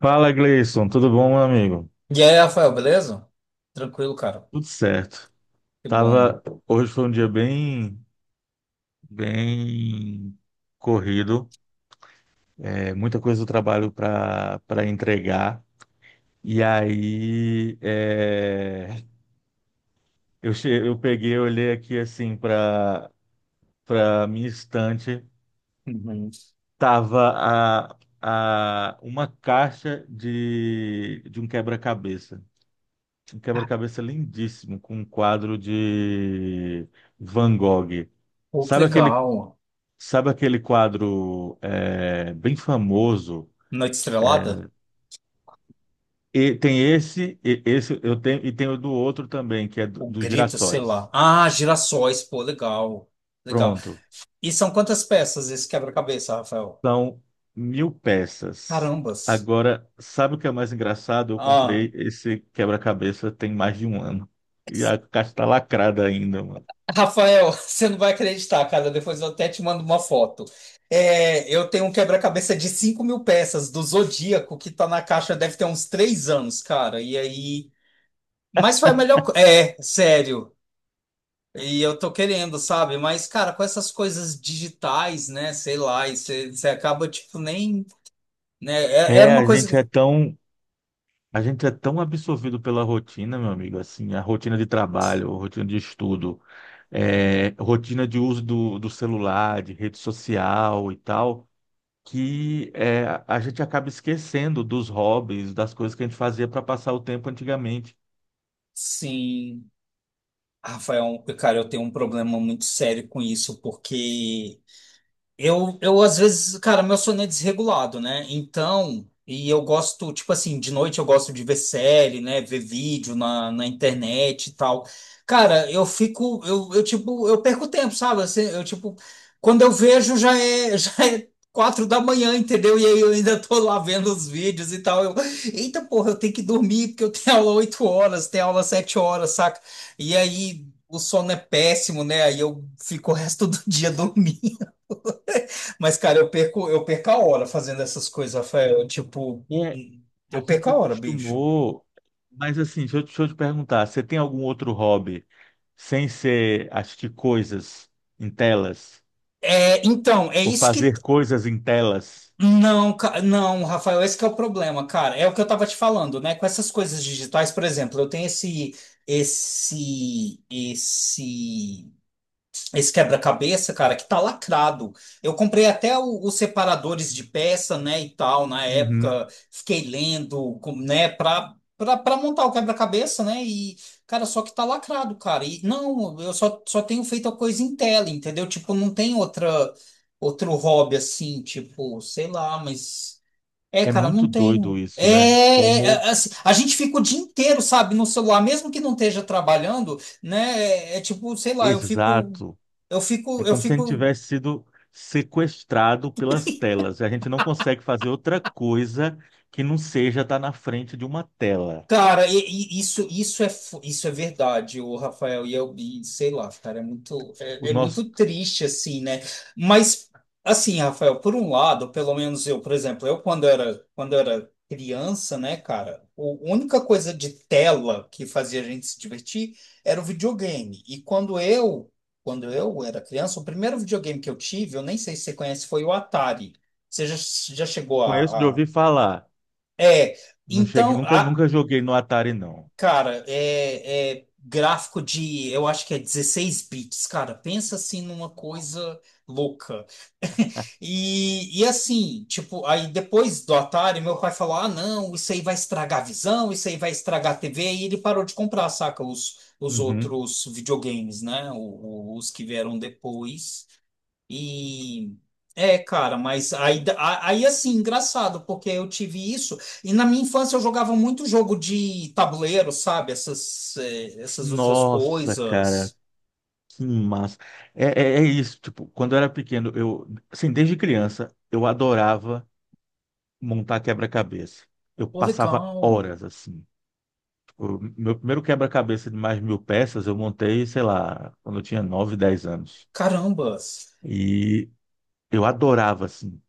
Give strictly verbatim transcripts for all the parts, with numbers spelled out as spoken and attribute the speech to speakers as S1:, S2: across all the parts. S1: Fala, Gleison, tudo bom, meu amigo?
S2: E aí, Rafael, beleza? Tranquilo, cara.
S1: Tudo certo.
S2: Que bom.
S1: Tava, hoje foi um dia bem, bem corrido. É, muita coisa do trabalho para para entregar. E aí, é, eu che... eu peguei, olhei aqui assim para para minha estante,
S2: Uhum.
S1: tava a, a uma caixa de de um quebra-cabeça. Um quebra-cabeça lindíssimo, com um quadro de Van Gogh.
S2: Pô, que
S1: Sabe aquele,
S2: legal.
S1: sabe aquele quadro é, bem famoso?
S2: Noite
S1: Eh,
S2: Estrelada?
S1: E tem esse, e- esse eu tenho, e tem o do outro também, que é do-
S2: O
S1: dos
S2: Grito, sei
S1: girassóis.
S2: lá. Ah, Girassóis, pô, legal. Legal.
S1: Pronto.
S2: E são quantas peças esse quebra-cabeça, Rafael?
S1: São mil peças.
S2: Carambas.
S1: Agora, sabe o que é mais engraçado? Eu
S2: Ah,
S1: comprei esse quebra-cabeça tem mais de um ano. E a caixa está lacrada ainda, mano.
S2: Rafael, você não vai acreditar, cara. Depois eu até te mando uma foto. É, eu tenho um quebra-cabeça de cinco mil peças do Zodíaco que tá na caixa, deve ter uns três anos, cara. E aí. Mas foi a melhor. co- É, sério. E eu tô querendo, sabe? Mas, cara, com essas coisas digitais, né? Sei lá, e você você acaba, tipo, nem. Né? É- Era
S1: É,
S2: uma
S1: a
S2: coisa.
S1: gente é
S2: que-
S1: tão, A gente é tão absorvido pela rotina, meu amigo, assim, a rotina de trabalho, a rotina de estudo, é, rotina de uso do, do celular, de rede social e tal, que é, a gente acaba esquecendo dos hobbies, das coisas que a gente fazia para passar o tempo antigamente.
S2: Sim. Rafael, cara, eu tenho um problema muito sério com isso, porque Eu, eu, às vezes, cara, meu sono é desregulado, né? Então, e eu gosto, tipo assim, de noite eu gosto de ver série, né? Ver vídeo na, na internet e tal. Cara, eu fico, eu, eu tipo, eu perco tempo, sabe? Assim, eu, tipo, quando eu vejo já é, já é quatro da manhã, entendeu? E aí eu ainda tô lá vendo os vídeos e tal. Eu, eita, porra, eu tenho que dormir porque eu tenho aula oito horas, tenho aula sete horas, saca? E aí. O sono é péssimo, né? Aí eu fico o resto do dia dormindo. Mas, cara, eu perco, eu perco a hora fazendo essas coisas, Rafael. Tipo,
S1: É,
S2: eu
S1: a
S2: perco
S1: gente
S2: a hora, bicho.
S1: acostumou, mas assim, deixa eu, deixa eu te perguntar, você tem algum outro hobby sem ser assistir coisas em telas
S2: É, então, é
S1: ou
S2: isso que.
S1: fazer coisas em telas?
S2: Não, ca- não, Rafael, esse que é o problema, cara. É o que eu tava te falando, né? Com essas coisas digitais, por exemplo, eu tenho esse, esse, esse esse quebra-cabeça, cara, que tá lacrado. Eu comprei até o- os separadores de peça, né, e tal, na época. Fiquei lendo, com- né, pra, pra, pra montar o quebra-cabeça, né, e, cara, só que tá lacrado, cara. E, não, eu só, só tenho feito a coisa em tela, entendeu? Tipo, não tem outra, outro hobby assim, tipo, sei lá, mas. É,
S1: É
S2: cara,
S1: muito
S2: não tem.
S1: doido
S2: É,
S1: isso, né?
S2: é,
S1: Como...
S2: é, assim, a gente fica o dia inteiro, sabe, no celular, mesmo que não esteja trabalhando, né? É, é tipo, sei lá, eu fico,
S1: Exato.
S2: eu
S1: É
S2: fico, eu
S1: como se a gente
S2: fico.
S1: tivesse sido sequestrado pelas telas. A gente não consegue fazer outra coisa que não seja estar na frente de uma tela.
S2: Cara, e- e isso, isso é, fu- isso é verdade, o Rafael e eu, e sei lá, cara, é muito,
S1: O
S2: é, é muito
S1: nosso...
S2: triste, assim, né? Mas, assim, Rafael, por um lado, pelo menos eu, por exemplo, eu quando era, quando era criança, né, cara, o- a única coisa de tela que fazia a gente se divertir era o videogame. E quando eu, quando eu era criança, o primeiro videogame que eu tive, eu nem sei se você conhece, foi o Atari. Você já, já chegou
S1: Conheço de
S2: a... a...
S1: ouvir falar.
S2: É,
S1: Não cheguei,
S2: então,
S1: nunca,
S2: a-
S1: nunca joguei no Atari, não.
S2: cara, é, é gráfico de, eu acho que é dezesseis bits, cara. Pensa assim numa coisa louca. E, e assim, tipo, aí depois do Atari, meu pai falou: ah, não, isso aí vai estragar a visão, isso aí vai estragar a T V. E ele parou de comprar, saca? Os, os
S1: Uhum.
S2: outros videogames, né? O- o- os que vieram depois. E é, cara, mas aí, a- aí assim, engraçado, porque eu tive isso. E na minha infância eu jogava muito jogo de tabuleiro, sabe? Essas, eh, essas outras
S1: Nossa, cara,
S2: coisas.
S1: que massa. É, é, é isso, tipo, quando eu era pequeno, eu, assim, desde criança, eu adorava montar quebra-cabeça. Eu
S2: Pô,
S1: passava
S2: legal.
S1: horas assim. O meu primeiro quebra-cabeça de mais de mil peças eu montei, sei lá, quando eu tinha nove dez anos.
S2: Carambas.
S1: E eu adorava, assim.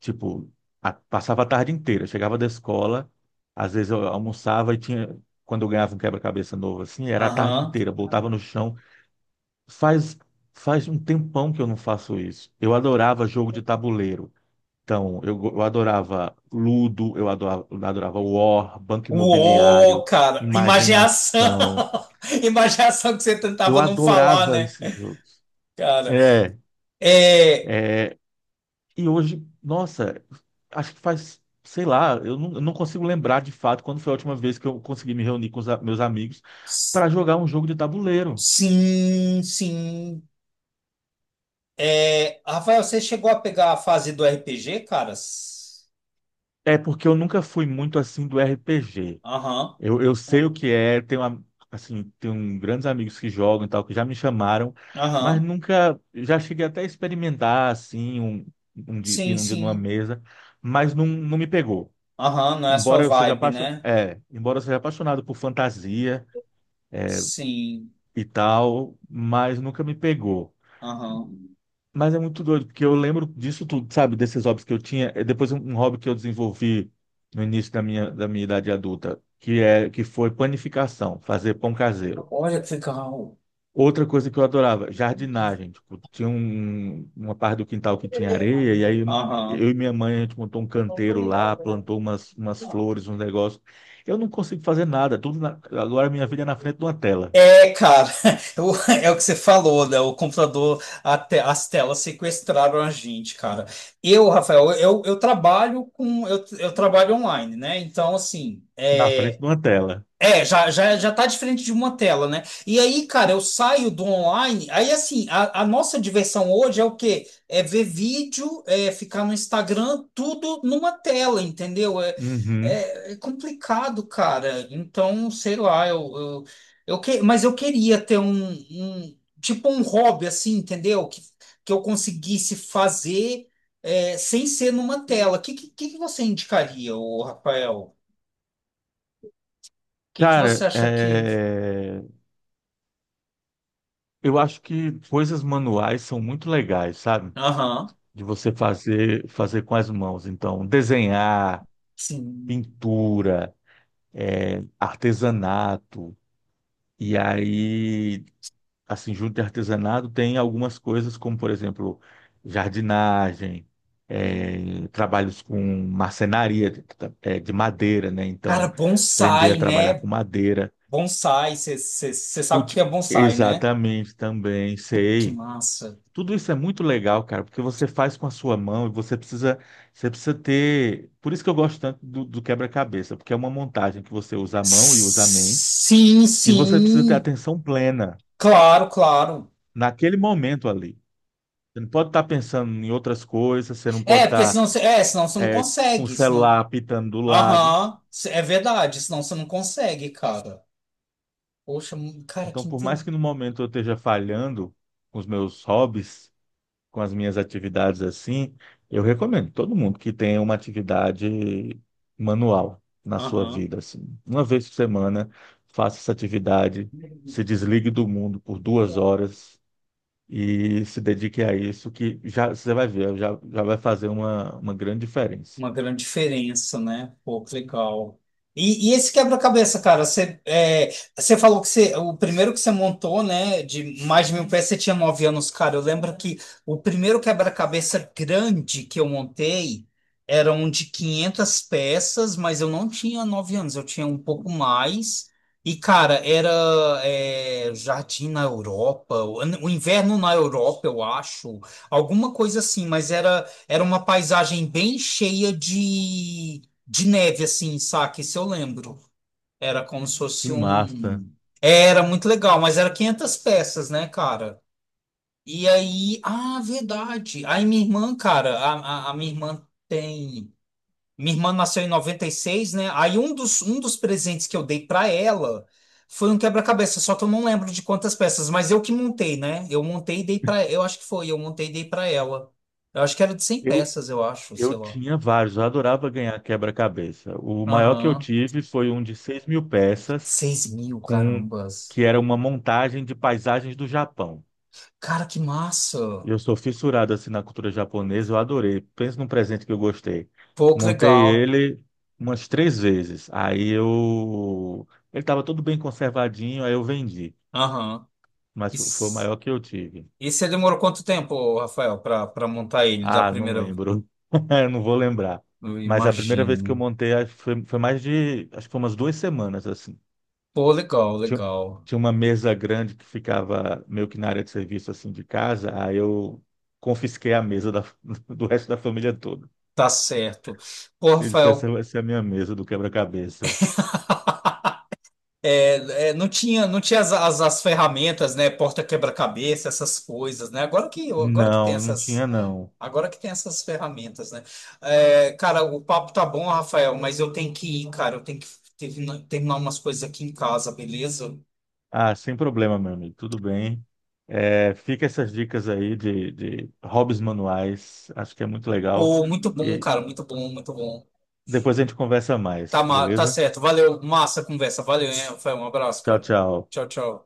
S1: Tipo, a- passava a tarde inteira. Chegava da escola, às vezes eu almoçava e tinha. Quando eu ganhava um quebra-cabeça novo, assim, era a tarde
S2: Aham.
S1: inteira. Botava no chão. Faz, faz um tempão que eu não faço isso. Eu adorava jogo de tabuleiro. Então, eu, go- eu adorava Ludo, eu adorava, eu adorava War, Banco
S2: Uou,
S1: Imobiliário,
S2: cara,
S1: Imagem e
S2: imaginação!
S1: Ação.
S2: Imaginação que você
S1: Eu
S2: tentava não falar,
S1: adorava
S2: né,
S1: esses jogos.
S2: cara?
S1: É,
S2: É,
S1: é, e hoje, nossa, acho que faz, sei lá, eu não, eu não consigo lembrar de fato quando foi a última vez que eu consegui me reunir com os a- meus amigos
S2: s-
S1: para jogar um jogo de tabuleiro.
S2: sim, sim. É, Rafael, você chegou a pegar a fase do R P G, caras?
S1: É porque eu nunca fui muito assim do R P G.
S2: Aham.
S1: Eu, eu sei o que é, tenho, am- assim, tenho grandes amigos que jogam e tal, que já me chamaram, mas
S2: Aham.
S1: nunca, já cheguei até a experimentar assim, um, um dia, ir
S2: Sim,
S1: um dia numa
S2: sim.
S1: mesa, mas não, não me pegou.
S2: Aham, não é a sua
S1: Embora eu seja
S2: vibe,
S1: apaixo...
S2: né?
S1: é, embora eu seja apaixonado por fantasia
S2: Sim.
S1: e tal, mas nunca me pegou.
S2: Aham.
S1: Mas é muito doido, porque eu lembro disso tudo, sabe? Desses hobbies que eu tinha. É Depois um um hobby que eu desenvolvi no início da minha, da minha idade adulta, que é que foi panificação, fazer pão caseiro.
S2: Olha que legal.
S1: Outra coisa que eu adorava, jardinagem. Tipo, tinha um- uma parte do quintal que tinha areia, e aí
S2: Aham.
S1: eu e minha mãe, a gente montou um canteiro lá, plantou umas, umas flores, uns negócios. Eu não consigo fazer nada, tudo na- agora minha vida é na frente de uma tela.
S2: É, cara, o- é o que você falou, né? O computador, a te- as telas sequestraram a gente, cara. Eu, Rafael, eu, eu trabalho com, eu, eu trabalho online, né? Então, assim,
S1: Na frente
S2: é,
S1: de uma tela.
S2: é, já, já, já tá diferente de uma tela, né? E aí, cara, eu saio do online. Aí, assim, a, a nossa diversão hoje é o quê? É ver vídeo, é ficar no Instagram, tudo numa tela, entendeu? É,
S1: Uhum.
S2: é, é complicado, cara. Então, sei lá, eu, eu, eu que, mas eu queria ter um, um- tipo um hobby, assim, entendeu? Que, que eu conseguisse fazer, é, sem ser numa tela. O que, que, que você indicaria, ô, Rafael? O que, que você
S1: Cara,
S2: acha que.
S1: é, eu acho que coisas manuais são muito legais, sabe?
S2: Aham.
S1: De você fazer, fazer com as mãos. Então, desenhar,
S2: Sim.
S1: pintura, é, artesanato. E aí, assim, junto de artesanato, tem algumas coisas como, por exemplo, jardinagem, eh, trabalhos com marcenaria de eh, de madeira, né?
S2: Cara,
S1: Então, aprender a
S2: bonsai,
S1: trabalhar
S2: né?
S1: com madeira.
S2: Bonsai, você sabe o que
S1: Culti...
S2: é bonsai, né?
S1: Exatamente, também,
S2: Que
S1: sei.
S2: massa.
S1: Tudo isso é muito legal, cara, porque você faz com a sua mão e você precisa, você precisa ter. Por isso que eu gosto tanto do, do quebra-cabeça, porque é uma montagem que você usa a mão e usa a mente,
S2: Sim,
S1: e você precisa ter
S2: sim.
S1: atenção plena
S2: Claro, claro.
S1: naquele momento ali. Você não pode estar pensando em outras coisas, você não
S2: É,
S1: pode
S2: porque
S1: estar
S2: senão você, é, senão você não
S1: é, com o
S2: consegue, senão...
S1: celular apitando do lado.
S2: Aham, cê- é verdade, senão você não consegue, cara. Poxa, mu- cara,
S1: Então,
S2: que
S1: por mais
S2: interessante.
S1: que no momento eu esteja falhando com os meus hobbies, com as minhas atividades assim, eu recomendo todo mundo que tenha uma atividade manual na sua vida, assim. Uma vez por semana, faça essa atividade, se desligue do mundo por duas horas e se dedique a isso, que já você vai ver, já, já vai fazer uma, uma grande diferença.
S2: Uma grande diferença, né? Pô, que legal. E, e esse quebra-cabeça, cara, você, é, você falou que você, o primeiro que você montou, né, de mais de mil peças, você tinha nove anos, cara. Eu lembro que o primeiro quebra-cabeça grande que eu montei era um de quinhentas peças, mas eu não tinha nove anos, eu tinha um pouco mais. E, cara, era é, Jardim na Europa, o o inverno na Europa, eu acho, alguma coisa assim, mas era. Era uma paisagem bem cheia de, de neve, assim, saca? Isso eu lembro. Era como se
S1: Que
S2: fosse
S1: massa!
S2: um. Era muito legal, mas era quinhentas peças, né, cara? E aí. Ah, verdade. Aí minha irmã, cara, a, a, a minha irmã tem. Minha irmã nasceu em noventa e seis, né? Aí um dos, um dos presentes que eu dei para ela foi um quebra-cabeça, só que eu não lembro de quantas peças, mas eu que montei, né? Eu montei e dei para, eu acho que foi, eu montei e dei para ela. Eu acho que era de cem
S1: Eu,
S2: peças, eu acho,
S1: Eu
S2: sei lá.
S1: tinha vários, eu adorava ganhar quebra-cabeça. O maior que eu
S2: Aham.
S1: tive foi um de seis mil peças,
S2: Seis mil,
S1: com
S2: carambas.
S1: que era uma montagem de paisagens do Japão.
S2: Cara, que
S1: E Eu
S2: massa.
S1: sou fissurado assim na cultura japonesa, eu adorei. Pensa num presente que eu gostei.
S2: Pô, que
S1: Montei
S2: legal.
S1: ele umas três vezes. Aí eu... Ele estava todo bem conservadinho, aí eu vendi.
S2: Aham.
S1: Mas
S2: E,
S1: fo- foi o
S2: s-
S1: maior que eu tive.
S2: e você demorou quanto tempo, Rafael, para para montar ele da
S1: Ah, não
S2: primeira,
S1: lembro. Eu Não vou lembrar.
S2: eu
S1: Mas a primeira vez que eu
S2: imagino.
S1: montei acho que foi, foi mais de, acho que foi umas duas semanas, assim.
S2: Pô, legal,
S1: tinha,
S2: legal.
S1: tinha uma mesa grande que ficava meio que na área de serviço assim de casa, aí eu confisquei a mesa da- do resto da família toda.
S2: Tá certo. Pô,
S1: Ele disse, essa
S2: Rafael,
S1: vai ser a minha mesa do quebra-cabeça.
S2: é, é, não tinha, não tinha as, as, as ferramentas, né? Porta quebra-cabeça, essas coisas, né? Agora que, agora que tem
S1: Não, não tinha
S2: essas,
S1: não.
S2: agora que tem essas ferramentas, né? É, cara, o papo tá bom, Rafael, mas eu tenho que ir, cara. Eu tenho que terminar, terminar umas coisas aqui em casa, beleza?
S1: Ah, sem problema, meu amigo, tudo bem. É, fica essas dicas aí de, de hobbies manuais, acho que é muito legal.
S2: Pô, muito bom,
S1: E
S2: cara. Muito bom, muito bom.
S1: depois a gente conversa
S2: Tá,
S1: mais,
S2: ma- tá
S1: beleza?
S2: certo. Valeu. Massa a conversa. Valeu, hein, Rafael? Um abraço,
S1: Tchau,
S2: cara.
S1: tchau.
S2: Tchau, tchau.